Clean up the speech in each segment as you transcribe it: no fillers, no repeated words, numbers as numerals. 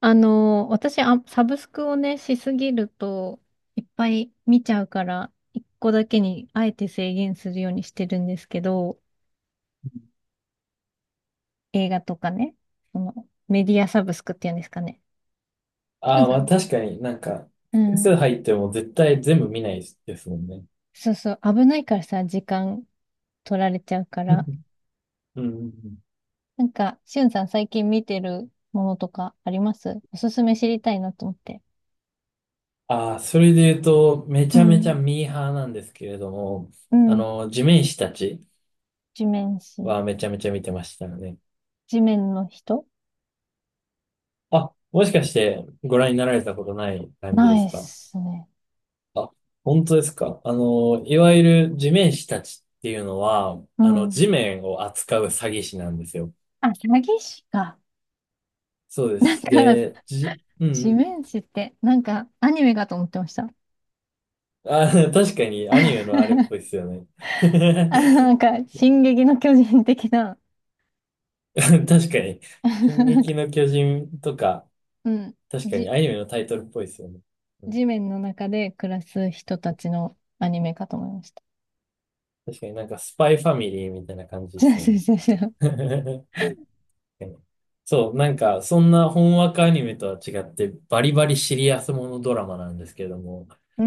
私、サブスクをね、しすぎると、いっぱい見ちゃうから、一個だけにあえて制限するようにしてるんですけど、映画とかね、そのメディアサブスクっていうんですかね。しゅあんあ、まさあん。確かになんか、う複数ん。入っても絶対全部見ないですもんね。そうそう、危ないからさ、時間取られちゃうか うら。んうんうん。なんか、しゅんさん最近見てるものとかあります？おすすめ知りたいなと思って。ああ、それで言うと、めうちゃめちゃん。ミーハーなんですけれども、うあん。の、地面師たち地面師。はめちゃめちゃ見てましたよね。地面の人、あ、もしかしてご覧になられたことない感じなでいすっか？すね。あ、本当ですか？いわゆる地面師たちっていうのは、うん。地面を扱う詐欺師なんですよ。あ、詐欺師か。そうでなんす。か、で、うんう地ん。面師って、なんか、アニメかと思ってました。あ、確かにアニメのあれっ ぽいですよね。あ、なんか、進撃の巨人的な、確かに。進なんか、撃の巨人とか、うん、確かにじ、アニメのタイトルっぽいですよね。うん、地面の中で暮らす人たちのアニメかと思いました。確かになんかスパイファミリーみたいな感じ で違うすも違うん違う違う。ね。確かにそう、なんかそんな本枠アニメとは違ってバリバリシリアスものドラマなんですけども、うー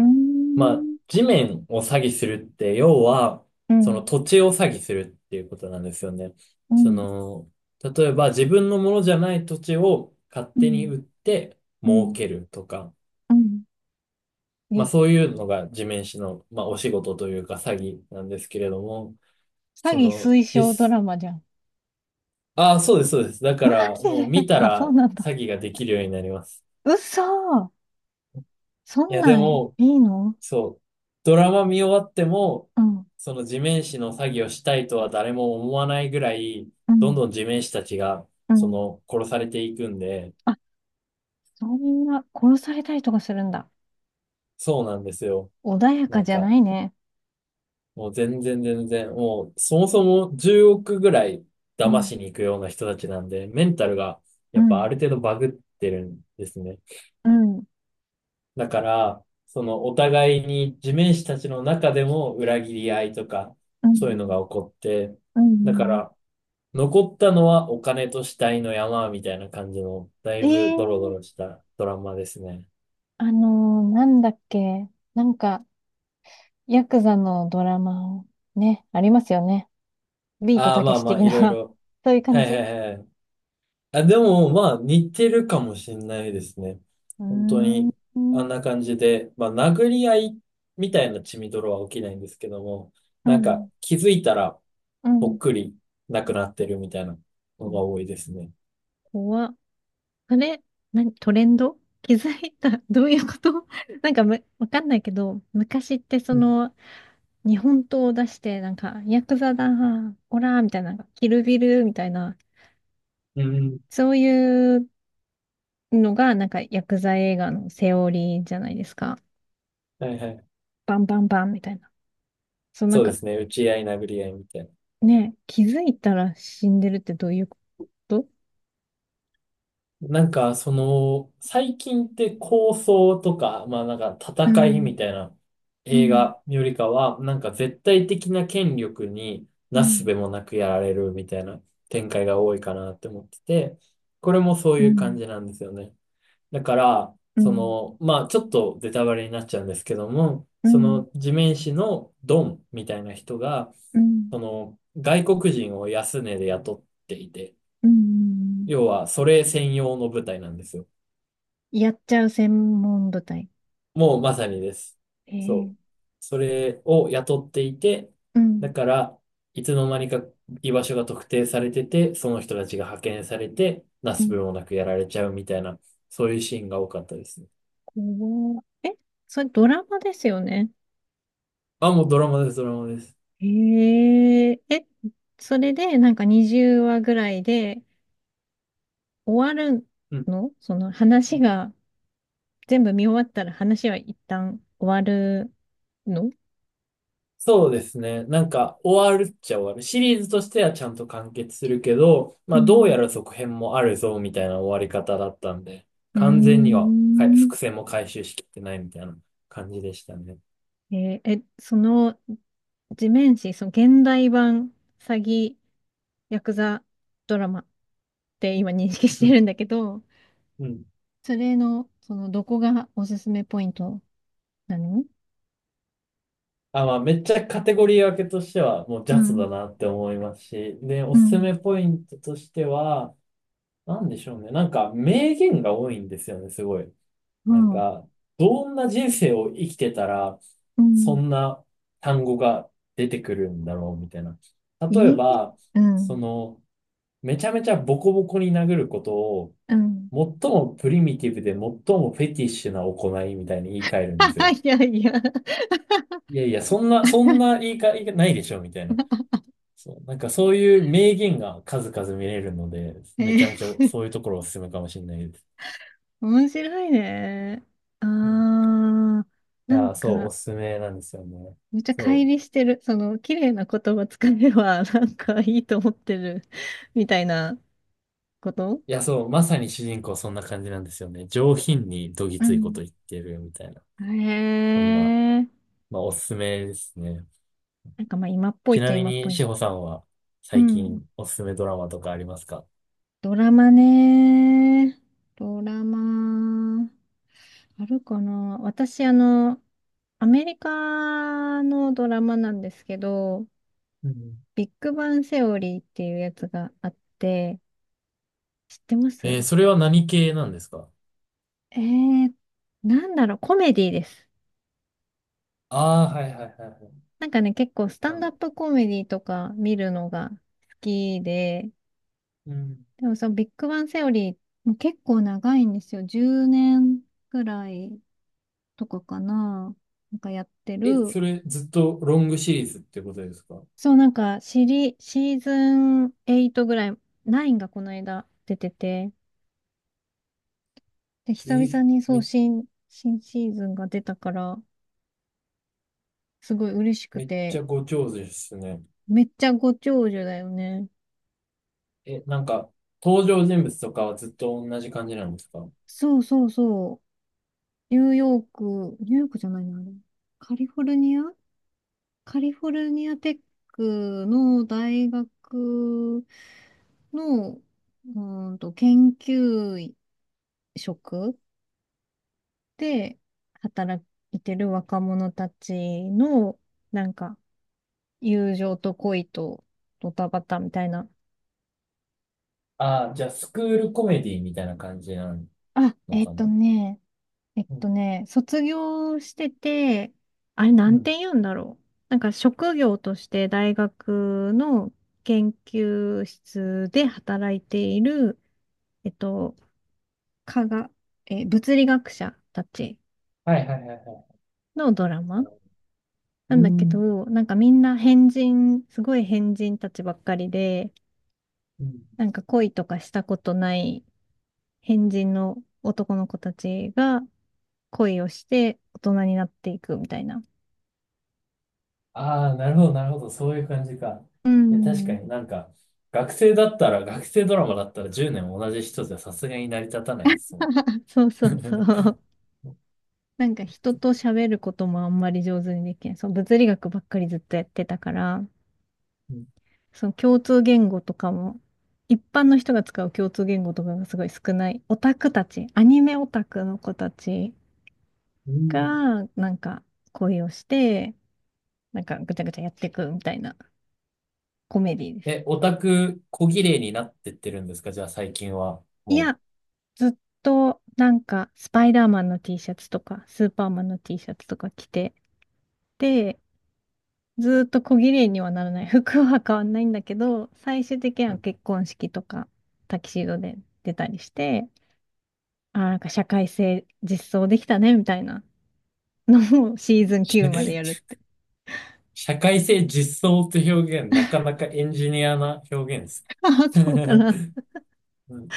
まあ、ん、地面を詐欺するって、要は、うそのん、土地を詐欺するっていうことなんですよね。うそん、の、例えば自分のものじゃない土地を勝う手にん、売ってう儲ん、けるとか、うん。まあえ、そういうのが地面師の、まあ、お仕事というか詐欺なんですけれども、詐そ欺の、推奨ド実、ラマじゃん。ああ、そうです、そうです。だかマらジもうで。 見 たあ、そうらなんだ。詐欺ができるようになります。嘘、そいんや、なでんも、いいの？そう。ドラマ見終わっても、うん、その地面師の作業したいとは誰も思わないぐらい、うどんん、どん地面師たちが、うん。殺されていくんで、あ、そんな、殺されたりとかするんだ。そうなんですよ。穏やなかんじゃなか、いね。もう全然全然、もう、そもそも10億ぐらいう騙ん、しに行くような人たちなんで、メンタルが、うやっぱあん、る程度バグってるんですね。うん、だから、お互いに地面師たちの中でも裏切り合いとか、うそういうのん、が起こって、うだかん。ら、残ったのはお金と死体の山みたいな感じの、だいえぶえドロドー、ロしたドラマですね。あのー、なんだっけ。なんか、ヤクザのドラマ、ね、ありますよね。ビートああ、たまけしあまあ、的いろいな。 ろ。そういうは感いじ。うはいはい。あ、でも、まあ、似てるかもしんないですね。ー本当ん、に、うあんん、な感じで、まあ、殴り合いみたいな血みどろは起きないんですけども、うなんか、ん。気づいたら、うぽっん、くりなくなってるみたいなのが多いですね。怖っ。それ、何、トレンド気づいた。どういうこと？ なんかむ、わかんないけど、昔ってそうん。の、日本刀を出して、なんか、ヤクザだ、オラみたいな、キルビルみたいな、うん。そういうのが、なんか、ヤクザ映画のセオリーじゃないですか。はいはい。バンバンバンみたいな。そう、なそんうでか、すね。打ち合い、殴り合いみたいな。ね、気づいたら死んでるってどういうこと？なんか、最近って構想とか、まあなんかう戦いん、みたいなう映ん、画よりかは、なんか絶対的な権力にうなすすべん、もなくやられるみたいな展開が多いかなって思ってて、これもそうういう感ん、じなんですよね。だから、うん、まあちょっとベタバレになっちゃうんですけども、うそん、の地面師のドンみたいな人が、うん、その外国人を安値で雇っていて、うん。要はそれ専用の部隊なんですよ。やっちゃう専門部隊。もうまさにです。そえう。え、それを雇っていて、うだん、から、いつの間にか居場所が特定されてて、その人たちが派遣されて、なうすすん、べもなくやられちゃうみたいな、そういうシーンが多かったですね。怖っ。え、それドラマですよね？あ、もうドラマです、ドラマです。へえ、え、それでなんか20話ぐらいで終わるうん。の？その話が全部見終わったら話は一旦終わるの？そうですね。なんか、終わるっちゃ終わる。シリーズとしてはちゃんと完結するけど、うまあ、どうやん。ら続編もあるぞ、みたいな終わり方だったんで、うー完全にはかいん。伏線も回収しきってないみたいな感じでしたね。えーえ、その地面師、その現代版詐欺ヤクザドラマって今認識しうてん、るんだけど、うん。それの、そのどこがおすすめポイントなの？あ、まあ、めっちゃカテゴリー分けとしては、もうジうャズだん。なって思いますし、で、おうすすん。めポイントとしては、なんでしょうね。なんか、名言が多いんですよね、すごい。うなんん。か、どんな人生を生きてたら、うそん。んな単語が出てくるんだろう、みたいな。例えいいえ。ば、うそん。の、めちゃめちゃボコボコに殴ることを、うん。最もプリミティブで最もフェティッシュな行いみたいに言い換えるんですよ。いやいや。 いやいや、そんな、そんな言い換えないでしょ、みたいな。そう、なんかそういう名言が数々見れるので、えめちゃめちゃー、そういうところおすすめかもしれないです。面白いね。ああ、うん。いなんやー、そう、おか、すすめなんですよね。めっちゃ乖そう。離してる。その、綺麗な言葉使えば、なんかいいと思ってる、みたいなこと。いや、そう、まさに主人公そんな感じなんですよね。上品にどぎうついこん。と言ってるみたいな。へそんな、え。まあおすすめですね。なんかまあ、今っぽいちっちなゃみ今っぽに、い志の保か。さんはう最ん。近おすすめドラマとかありますか？ドラマね。ドラマ。あるかな、私、アメリカのドラマなんですけど、うん。ビッグバンセオリーっていうやつがあって、知ってます？それは何系なんですか？えー、なんだろう、コメディです。ああー、はいはいはいはい。なんかね、結構スタあンダッの、プコメディとか見るのが好きで、うん。でもそのビッグバンセオリー、もう結構長いんですよ。10年くらいとかかな。なんかやってえ、る。それずっとロングシリーズってことですか？そう、なんか、シーズン8ぐらい、9がこの間出てて、で、久え、々にそう、め、新シーズンが出たから、すごい嬉しくめっちて、ゃご長寿ですね。めっちゃご長寿だよね。え、なんか、登場人物とかはずっと同じ感じなんですか？そうそうそう。ニューヨークじゃないな、あれ、カリフォルニア、カリフォルニアテックの大学の、うーんと、研究職で働いてる若者たちの、なんか、友情と恋とドタバタみたいな。ああー、じゃあ、スクールコメディみたいな感じなあ、のかな？うん、卒業してて、あれなうんん。て言うんだろう。なんか職業として大学の研究室で働いている、えっと、科学、物理学者たちはいはいはいはい。のドラマなうんだけん、ど、なんかみんな変人、すごい変人たちばっかりで、うん。なんか恋とかしたことない変人の男の子たちが恋をして大人になっていくみたいな。ああ、なるほどなるほど。そういう感じか。ういや、確かん。になんか、学生ドラマだったら10年同じ人じゃさすがに成り立たないですもん。そうそうそ う。なんか人と喋ることもあんまり上手にできない。そう、物理学ばっかりずっとやってたから、うんその共通言語とかも、一般の人が使う共通言語とかがすごい少ない。オタクたち、アニメオタクの子たちうん。が、なんか恋をして、なんかぐちゃぐちゃやっていくみたいなコメディです。え、オタク、小綺麗になってってるんですか？じゃあ最近は。いもや、ずっとなんかスパイダーマンの T シャツとかスーパーマンの T シャツとか着て、で、ずっと小綺麗にはならない。服は変わんないんだけど、最終的にう。うはん。 結婚式とかタキシードで出たりして、あー、なんか社会性実装できたねみたいなのを、 シーズン9までや るって。社会性実装って表現、なかなかエンジニアな表現です。ああ、そうかな。うん、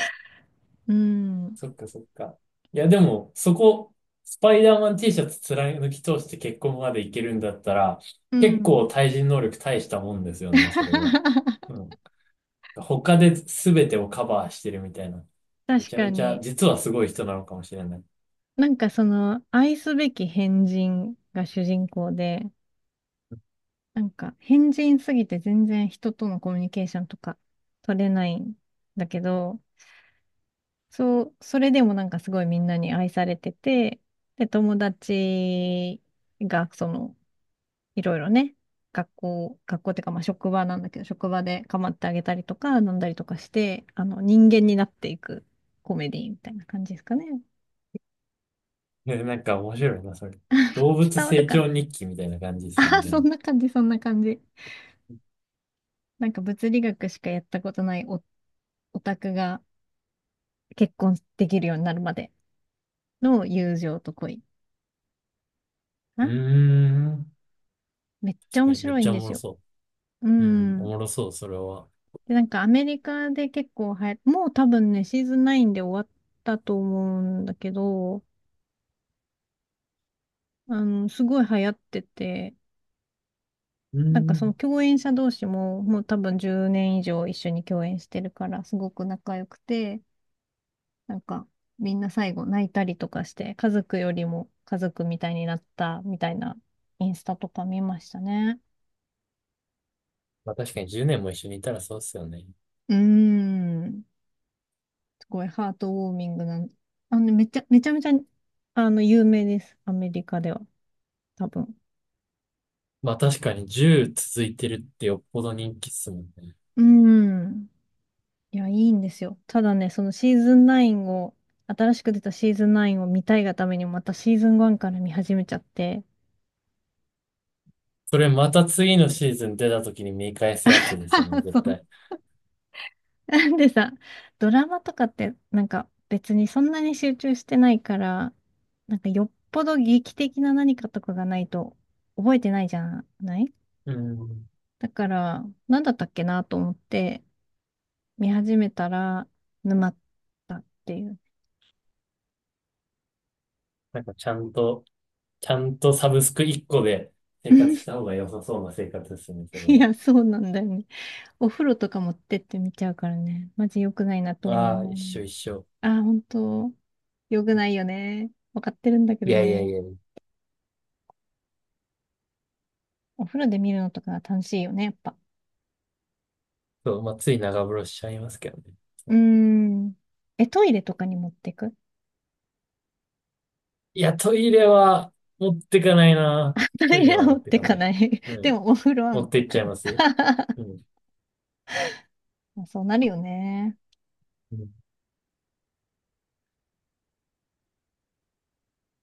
うん。そっかそっか。いや、でも、そこ、スパイダーマン T シャツ貫き通して結婚までいけるんだったら、う結ん。構対人能力大したもんですよね、それは。う ん。他で全てをカバーしてるみたいな。め確ちゃかめちゃ、に。実はすごい人なのかもしれない。なんかその愛すべき変人が主人公で、なんか、変人すぎて全然人とのコミュニケーションとか取れないんだけど、そう、それでもなんかすごいみんなに愛されてて、で、友達が、その、いろいろね、学校っていうか、まあ職場なんだけど、職場で構ってあげたりとか、飲んだりとかして、あの、人間になっていくコメディみたいな感じですかね。ね、なんか面白いな、それ。動物伝わる成かな？長日記みたいな感じですあね、あ。 でそも。んな感じ、そんな感じ。なんか物理学しかやったことないオタクが、結婚できるようになるまでの友情と恋かうーな。ん。めっちゃ確か面にめっ白いちんゃおでもすろよ。そうう。うん、おん。もろそう、それは。で、なんかアメリカで結構流行、もう多分ね、シーズン9で終わったと思うんだけど、あの、すごい流行ってて、うなんかそのん。共演者同士ももう多分10年以上一緒に共演してるから、すごく仲良くて、なんかみんな最後泣いたりとかして、家族よりも家族みたいになったみたいなインスタとか見ましたね。まあ確かに10年も一緒にいたらそうっすよね。うーん。すごいハートウォーミングな、あの、めちゃ、めちゃめちゃ、あの、有名です。アメリカでは。多分。まあ確かに10続いてるってよっぽど人気っすもんね。うん。いや、いいんですよ。ただね、そのシーズン9を、新しく出たシーズン9を見たいがためにまたシーズン1から見始めちゃって。それまた次のシーズン出た時に見返すやつですよね、絶そう。対。なんでさ、ドラマとかってなんか別にそんなに集中してないから、なんかよっぽど劇的な何かとかがないと覚えてないじゃない？うん。だから、なんだったっけなと思って、見始めたら沼ったっていう。なんかちゃんとサブスク1個で生活した 方が良さそうな生活ですね、それいは。や、そうなんだよね。お風呂とか持ってって見ちゃうからね。マジ良くないなと思うああ、の一よ緒ね。一緒。ああ、本当良くないよね。わかってるんだけいどやいやいね。や。お風呂で見るのとかが楽しいよね、やっぱ。そう、まあつい長風呂しちゃいますけどね。うそーうん。え、トイレとかに持ってく？ いや、トイレは持ってかないな。トトイイレレはは持持っっててかかない。ない。うでん。も、お風呂は持持っってていっちゃく。います。うん。まあそうなるよね。うん